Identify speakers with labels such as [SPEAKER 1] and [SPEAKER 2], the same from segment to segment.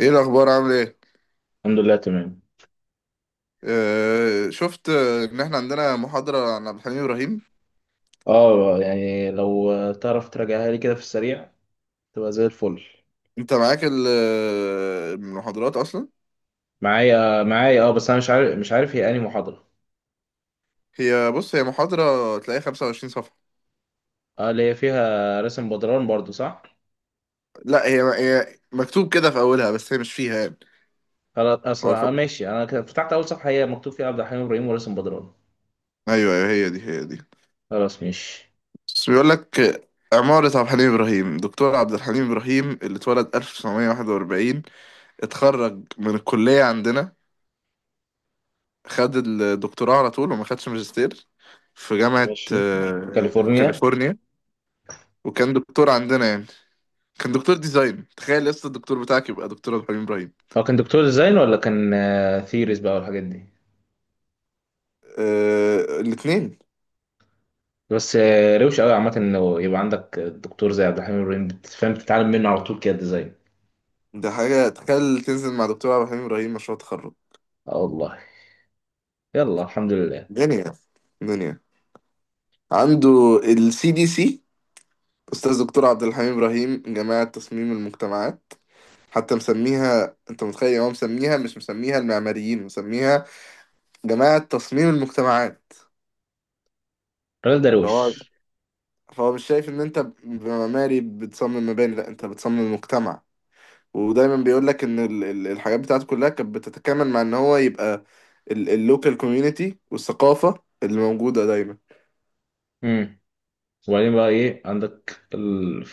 [SPEAKER 1] ايه الاخبار؟ عامل ايه؟
[SPEAKER 2] الحمد لله تمام.
[SPEAKER 1] آه شفت، ان احنا عندنا محاضره عن عبد الحليم ابراهيم.
[SPEAKER 2] اه يعني لو تعرف تراجعها لي كده في السريع تبقى زي الفل.
[SPEAKER 1] انت معاك المحاضرات اصلا؟
[SPEAKER 2] معايا اه بس انا مش عارف هي انهي محاضرة.
[SPEAKER 1] هي بص، هي محاضره تلاقيها 25 صفحه.
[SPEAKER 2] اه اللي هي فيها رسم بدران برضو، صح؟
[SPEAKER 1] لا، هي مكتوب كده في اولها بس هي مش فيها يعني.
[SPEAKER 2] خلاص
[SPEAKER 1] هو ف...
[SPEAKER 2] اصلا اه ماشي، انا كده فتحت اول صفحة هي مكتوب فيها عبد الحليم ابراهيم ورسم بدران.
[SPEAKER 1] ايوه ايوه، هي دي.
[SPEAKER 2] خلاص ماشي.
[SPEAKER 1] بس بيقول لك عمارة عبد الحليم إبراهيم، دكتور عبد الحليم إبراهيم، اللي اتولد 1941، اتخرج من الكلية عندنا، خد الدكتوراه على طول وما خدش ماجستير، في جامعة
[SPEAKER 2] ماشي. كاليفورنيا.
[SPEAKER 1] كاليفورنيا. وكان دكتور عندنا يعني. كان دكتور ديزاين. تخيل لسه الدكتور بتاعك يبقى دكتور عبد الحليم ابراهيم.
[SPEAKER 2] هو كان دكتور ديزاين ولا كان ثيريز بقى والحاجات دي؟
[SPEAKER 1] آه الاثنين.
[SPEAKER 2] بس روش قوي عامة انه يبقى عندك دكتور زي عبد الحليم ابراهيم، بتفهم تتعلم منه على طول كده ديزاين.
[SPEAKER 1] ده حاجه، تخيل تنزل مع دكتور عبد الحليم ابراهيم مشروع تخرج.
[SPEAKER 2] اه والله. يلا الحمد لله.
[SPEAKER 1] دنيا. دنيا. عنده السي دي سي. استاذ دكتور عبد الحليم ابراهيم، جماعه تصميم المجتمعات. حتى مسميها، انت متخيل يعني هو مسميها، مش مسميها المعماريين، مسميها جماعه تصميم المجتمعات.
[SPEAKER 2] رئيس درويش.
[SPEAKER 1] فهو، فهو مش شايف ان انت معماري بتصمم مباني، لا انت بتصمم مجتمع. ودايما بيقول لك ان الحاجات بتاعته كلها كانت بتتكامل مع ان هو يبقى اللوكال كوميونتي، والثقافة اللي موجودة دايما.
[SPEAKER 2] امم. وبعدين بقى ايه عندك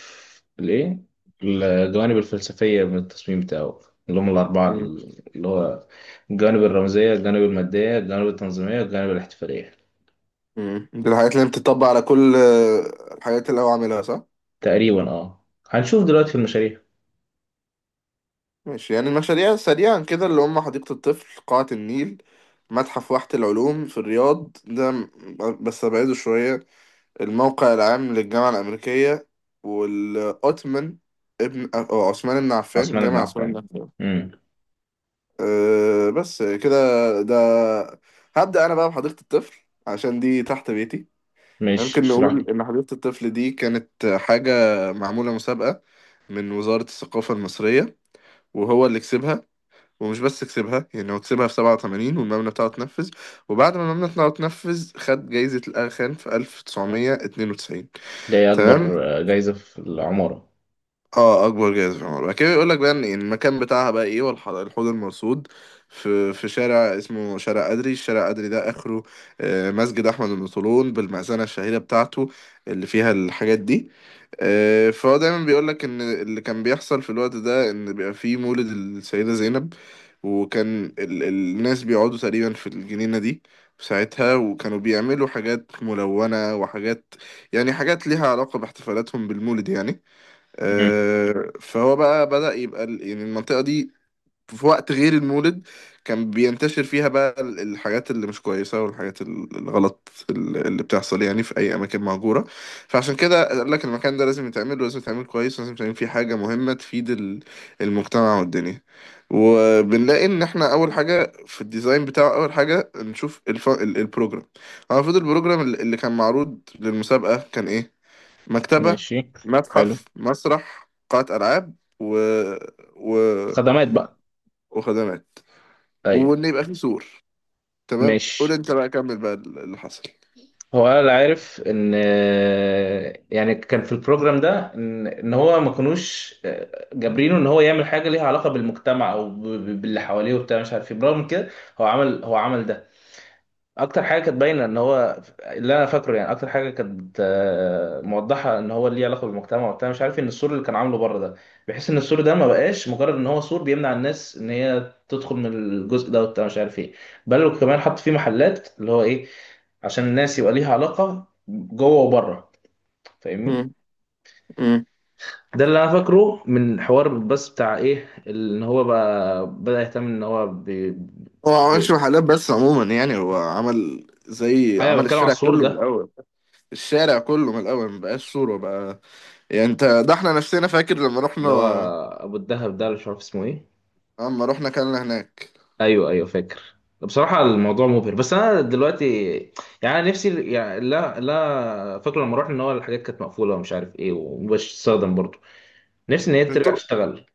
[SPEAKER 2] الايه، الجوانب الفلسفية من التصميم بتاعه، اللي هم الأربعة،
[SPEAKER 1] مم.
[SPEAKER 2] اللي هو الجوانب الرمزية، الجوانب المادية، الجوانب التنظيمية، الجوانب الاحتفالية.
[SPEAKER 1] مم. دي الحاجات اللي بتطبق على كل الحاجات اللي هو عاملها، صح؟
[SPEAKER 2] تقريبا اه، هنشوف دلوقتي في المشاريع.
[SPEAKER 1] ماشي، يعني المشاريع سريعا كده اللي هم حديقة الطفل، قاعة النيل، متحف واحة العلوم في الرياض. بس أبعده شوية. الموقع العام للجامعة الأمريكية، والأوتمن، ابن أو عثمان بن عفان،
[SPEAKER 2] عثمان بن
[SPEAKER 1] جامع عثمان بن
[SPEAKER 2] عفان.
[SPEAKER 1] عفان.
[SPEAKER 2] امم.
[SPEAKER 1] أه بس كده. ده، هبدأ أنا بقى بحديقة الطفل عشان دي تحت بيتي.
[SPEAKER 2] ماشي
[SPEAKER 1] ممكن
[SPEAKER 2] اشرح لي.
[SPEAKER 1] نقول إن حديقة الطفل دي كانت حاجة معمولة مسابقة من وزارة الثقافة المصرية، وهو اللي كسبها. ومش بس كسبها يعني، هو كسبها في 87 والمبنى بتاعه اتنفذ. وبعد ما المبنى بتاعه اتنفذ، خد جايزة الأغا خان في 1992.
[SPEAKER 2] ده هي
[SPEAKER 1] تمام.
[SPEAKER 2] أكبر جايزة في العمارة.
[SPEAKER 1] اه اكبر جائزه في العمر. بعد كده يقول لك بقى ان المكان بتاعها بقى ايه، الحوض المرصود، في شارع اسمه شارع أدري، الشارع أدري ده اخره مسجد احمد بن طولون بالمأذنه الشهيره بتاعته اللي فيها الحاجات دي. فهو دايما بيقول لك ان اللي كان بيحصل في الوقت ده ان بيبقى فيه مولد السيده زينب. وكان الناس بيقعدوا تقريبا في الجنينه دي في ساعتها، وكانوا بيعملوا حاجات ملونه وحاجات، يعني حاجات ليها علاقه باحتفالاتهم بالمولد يعني.
[SPEAKER 2] امم.
[SPEAKER 1] فهو بقى بدأ يبقى يعني المنطقة دي في وقت غير المولد كان بينتشر فيها بقى الحاجات اللي مش كويسة، والحاجات الغلط اللي بتحصل يعني في أي أماكن مهجورة. فعشان كده قال لك المكان ده لازم يتعمل، ولازم يتعمل كويس، ولازم يتعمل فيه حاجة مهمة تفيد المجتمع والدنيا. وبنلاقي إن إحنا أول حاجة في الديزاين بتاعه، أول حاجة نشوف البروجرام. هو المفروض البروجرام اللي كان معروض للمسابقة كان إيه؟ مكتبة،
[SPEAKER 2] ماشي. حلو.
[SPEAKER 1] متحف، مسرح، قاعة ألعاب، و... و...
[SPEAKER 2] خدمات بقى.
[SPEAKER 1] وخدمات.
[SPEAKER 2] أيوه.
[SPEAKER 1] وإن يبقى فيه سور. تمام، قول
[SPEAKER 2] ماشي.
[SPEAKER 1] أنت بقى، كمل بقى اللي حصل.
[SPEAKER 2] هو انا اللي عارف ان، يعني كان في البروجرام ده ان إن هو ما كانوش جابرينه ان هو يعمل حاجه ليها علاقه بالمجتمع او باللي حواليه وبتاع مش عارف ايه، برغم كده هو عمل، هو عمل ده. اكتر حاجه كانت باينه ان هو اللي انا فاكره، يعني اكتر حاجه كانت موضحه ان هو ليه علاقه بالمجتمع وبتاع مش عارف إيه، ان السور اللي كان عامله بره ده، بحيث ان السور ده ما بقاش مجرد ان هو سور بيمنع الناس ان هي تدخل من الجزء ده وبتاع مش عارف ايه. بل وكمان حط فيه محلات اللي هو ايه، عشان الناس يبقى ليها علاقة جوه وبره. فاهمني؟
[SPEAKER 1] مم. مم.
[SPEAKER 2] ده اللي انا فاكره من حوار، بس بتاع ايه ان هو بقى بدأ يهتم ان هو
[SPEAKER 1] هو ما عملش
[SPEAKER 2] بي...
[SPEAKER 1] محلات بس عموما، يعني هو عمل زي
[SPEAKER 2] ايوه
[SPEAKER 1] عمل
[SPEAKER 2] بتكلم على
[SPEAKER 1] الشارع
[SPEAKER 2] السور
[SPEAKER 1] كله من
[SPEAKER 2] ده.
[SPEAKER 1] الأول. الشارع كله من الأول ما بقاش صورة بقى. يعني أنت ده إحنا نفسنا فاكر لما رحنا،
[SPEAKER 2] اللي هو ابو الدهب ده اللي مش عارف اسمه ايه.
[SPEAKER 1] لما رحنا كلنا هناك.
[SPEAKER 2] ايوه ايوه فاكر. بصراحة الموضوع مبهر، بس انا دلوقتي يعني أنا نفسي يعني، لا لا فاكره لما رحنا ان هو الحاجات كانت مقفولة ومش عارف ايه ومش تستخدم برضه. نفسي ان هي ترجع
[SPEAKER 1] الطرق
[SPEAKER 2] تشتغل.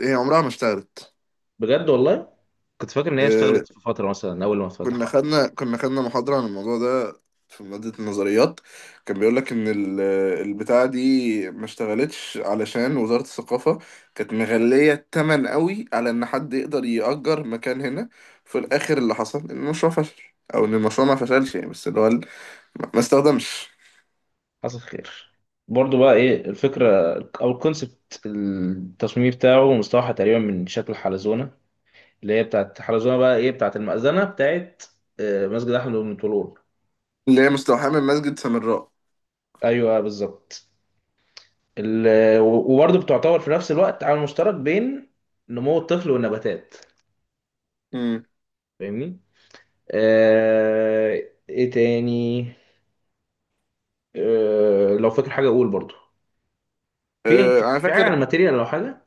[SPEAKER 1] إيه، عمرها ما اشتغلت.
[SPEAKER 2] بجد والله، كنت فاكر ان هي
[SPEAKER 1] آه،
[SPEAKER 2] اشتغلت في فترة مثلا اول ما
[SPEAKER 1] كنا
[SPEAKER 2] اتفتح.
[SPEAKER 1] خدنا كنا خدنا محاضرة عن الموضوع ده في مادة النظريات. كان بيقول لك إن البتاعة دي ما اشتغلتش علشان وزارة الثقافة كانت مغلية التمن قوي على إن حد يقدر يأجر مكان هنا. في الآخر اللي حصل إن المشروع فشل. أو إن المشروع ما فشلش يعني، بس اللي هو ال- ما ما استخدمش
[SPEAKER 2] حصل خير. برضو بقى ايه الفكرة او الكونسبت، التصميم بتاعه مستوحى تقريبا من شكل حلزونة، اللي هي بتاعت حلزونة بقى ايه بتاعت المأذنة بتاعت مسجد احمد بن طولون.
[SPEAKER 1] اللي هي مستوحاة من مسجد سامراء.
[SPEAKER 2] ايوه بالظبط. وبرضو بتعتبر في نفس الوقت عامل مشترك بين نمو الطفل والنباتات.
[SPEAKER 1] امم.
[SPEAKER 2] فاهمني؟ آه، ايه تاني؟ لو فاكر حاجة اقول برضو. في
[SPEAKER 1] أه
[SPEAKER 2] في
[SPEAKER 1] أنا
[SPEAKER 2] في حاجة عن
[SPEAKER 1] فاكر.
[SPEAKER 2] الماتيريال لو حاجة.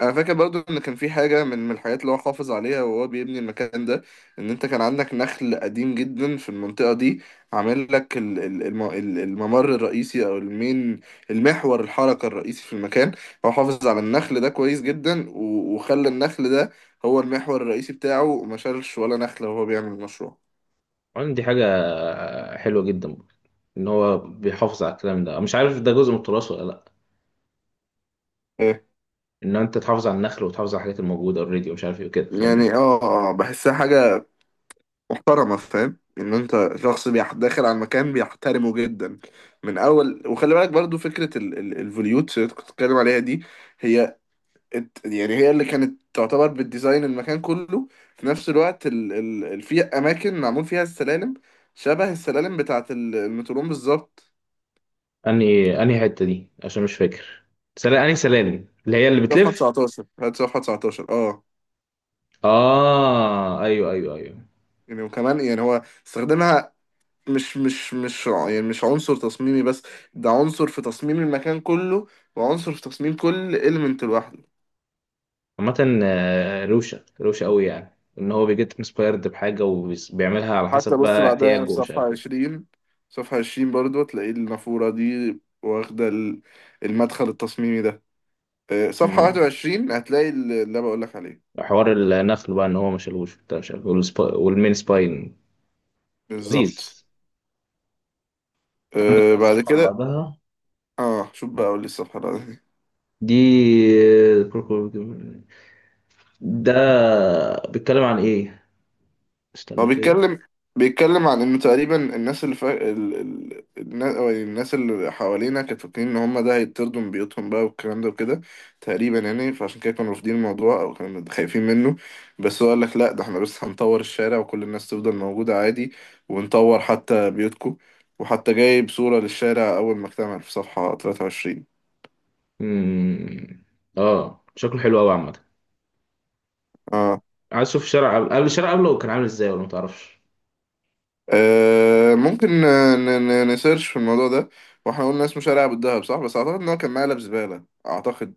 [SPEAKER 1] انا فاكر برضو ان كان في حاجه من الحاجات اللي هو حافظ عليها وهو بيبني المكان ده. ان انت كان عندك نخل قديم جدا في المنطقه دي، عامل لك الممر الرئيسي او المين، المحور الحركه الرئيسي في المكان. هو حافظ على النخل ده كويس جدا، و- وخلى النخل ده هو المحور الرئيسي بتاعه، وما شالش ولا نخله وهو بيعمل المشروع.
[SPEAKER 2] عندي حاجة حلوة جدا برضه، إن هو بيحافظ على الكلام ده، مش عارف ده جزء من التراث ولا لأ.
[SPEAKER 1] إيه؟
[SPEAKER 2] إن أنت تحافظ على النخل وتحافظ على الحاجات الموجودة أوريدي ومش عارف إيه وكده. فاهمني؟
[SPEAKER 1] يعني اه، بحسها حاجه محترمة. فاهم ان انت شخص داخل على المكان بيحترمه جدا من اول. وخلي بالك برضو فكرة الفوليوت اللي كنت بتتكلم عليها دي. هي يعني هي اللي كانت تعتبر بالديزاين المكان كله. في نفس الوقت في اماكن معمول فيها السلالم، شبه السلالم بتاعة المتروم بالظبط.
[SPEAKER 2] أنهي أنهي حتة دي عشان مش فاكر سلالم؟ أنهي سلالم اللي هي اللي
[SPEAKER 1] صفحة
[SPEAKER 2] بتلف؟
[SPEAKER 1] 19، هات صفحة 19. اه
[SPEAKER 2] آه أيوه أيوه أيوه.
[SPEAKER 1] يعني وكمان، يعني هو استخدمها مش مش مش ع- يعني مش عنصر تصميمي بس، ده عنصر في تصميم المكان كله، وعنصر في تصميم كل إليمنت لوحده.
[SPEAKER 2] عامة روشة روشة أوي، يعني إن هو بيجيت انسبايرد بحاجة وبيعملها على
[SPEAKER 1] حتى
[SPEAKER 2] حسب
[SPEAKER 1] بص
[SPEAKER 2] بقى
[SPEAKER 1] بعدها يعني
[SPEAKER 2] احتياجه
[SPEAKER 1] في
[SPEAKER 2] ومش عارف
[SPEAKER 1] صفحة
[SPEAKER 2] إيه.
[SPEAKER 1] 20. صفحة عشرين برضو هتلاقي النافورة دي واخدة المدخل التصميمي ده. صفحة
[SPEAKER 2] أمم.
[SPEAKER 1] 21 هتلاقي اللي أنا بقولك عليه.
[SPEAKER 2] حوار النخل بقى إن هو ما شالوش وبتاع مش عارف إيه، والسبا- والمين سباين.
[SPEAKER 1] بالظبط.
[SPEAKER 2] لذيذ. عندك بقى
[SPEAKER 1] بعد
[SPEAKER 2] الصفحة اللي
[SPEAKER 1] كده.
[SPEAKER 2] بعدها.
[SPEAKER 1] اه شوف بقى، أقول لي الصفحة.
[SPEAKER 2] دي. ده بيتكلم عن ايه؟
[SPEAKER 1] هو
[SPEAKER 2] استنى كده.
[SPEAKER 1] بيتكلم، بيتكلم عن انه تقريبا الناس اللي فا... ال... ال... الناس، أو الناس اللي حوالينا كانت فاكرين ان هم ده هيطردوا من بيوتهم بقى والكلام ده وكده، تقريبا يعني. فعشان كده كانوا رافضين الموضوع او كانوا خايفين منه. بس هو قال لك لا، ده احنا بس هنطور الشارع، وكل الناس تفضل موجودة عادي، ونطور حتى بيوتكم. وحتى جايب صورة للشارع اول ما اكتمل في صفحة 23.
[SPEAKER 2] مم. اه شكله حلو قوي عامة.
[SPEAKER 1] اه.
[SPEAKER 2] عايز اشوف الشارع قبل، قبل الشارع قبله كان عامل ازاي ولا متعرفش؟
[SPEAKER 1] آه ممكن، نسيرش في الموضوع ده. واحنا قلنا اسمه شارع ابو الدهب، صح؟ بس اعتقد ان هو كان مقلب زبالة، اعتقد،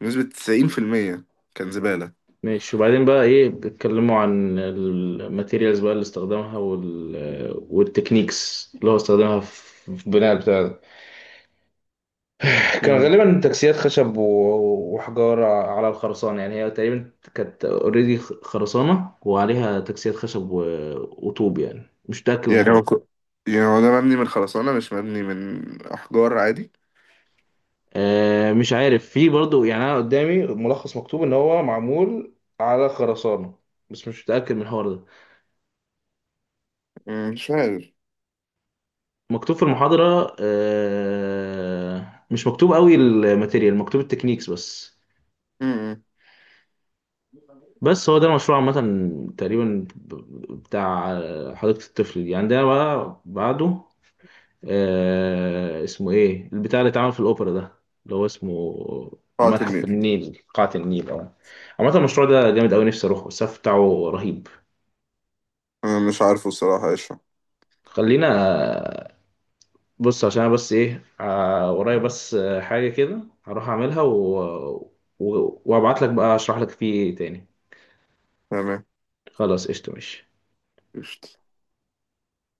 [SPEAKER 1] بنسبة 90% كان زبالة.
[SPEAKER 2] ماشي. وبعدين بقى ايه بيتكلموا عن الماتيريالز بقى اللي استخدمها والتكنيكس اللي هو استخدمها في في البناء بتاع. كان
[SPEAKER 1] مم.
[SPEAKER 2] غالبا تكسيات خشب وحجارة على الخرسانة. يعني هي تقريبا كانت اوريدي خرسانة وعليها تكسيات خشب وطوب، يعني مش متأكد من
[SPEAKER 1] يعني
[SPEAKER 2] الحوار.
[SPEAKER 1] يعني هو ده مبني من خرسانة، مش مبني من احجار عادي.
[SPEAKER 2] مش عارف في برضو. يعني أنا قدامي ملخص مكتوب إن هو معمول على خرسانة، بس مش متأكد من الحوار ده.
[SPEAKER 1] مم، مش عارف.
[SPEAKER 2] مكتوب في المحاضرة مش مكتوب قوي الماتيريال، مكتوب التكنيكس بس.
[SPEAKER 1] مم.
[SPEAKER 2] بس هو ده المشروع عامة، تقريبا بتاع حديقة الطفل دي. عندنا بقى بعده آه اسمه ايه البتاع اللي اتعمل في الاوبرا ده اللي هو اسمه؟
[SPEAKER 1] قاعة
[SPEAKER 2] متحف
[SPEAKER 1] النيل
[SPEAKER 2] النيل، قاعة النيل اه. عامة المشروع ده جامد أوي، نفسي أروحه، السقف بتاعه رهيب.
[SPEAKER 1] أنا مش عارفه الصراحة ايش هو.
[SPEAKER 2] خلينا، بص عشان أنا بس إيه ورايا بس حاجة كده هروح أعملها وأبعت لك بقى أشرح لك فيه تاني.
[SPEAKER 1] تمام.
[SPEAKER 2] خلاص قشطة ماشي.
[SPEAKER 1] قشطة.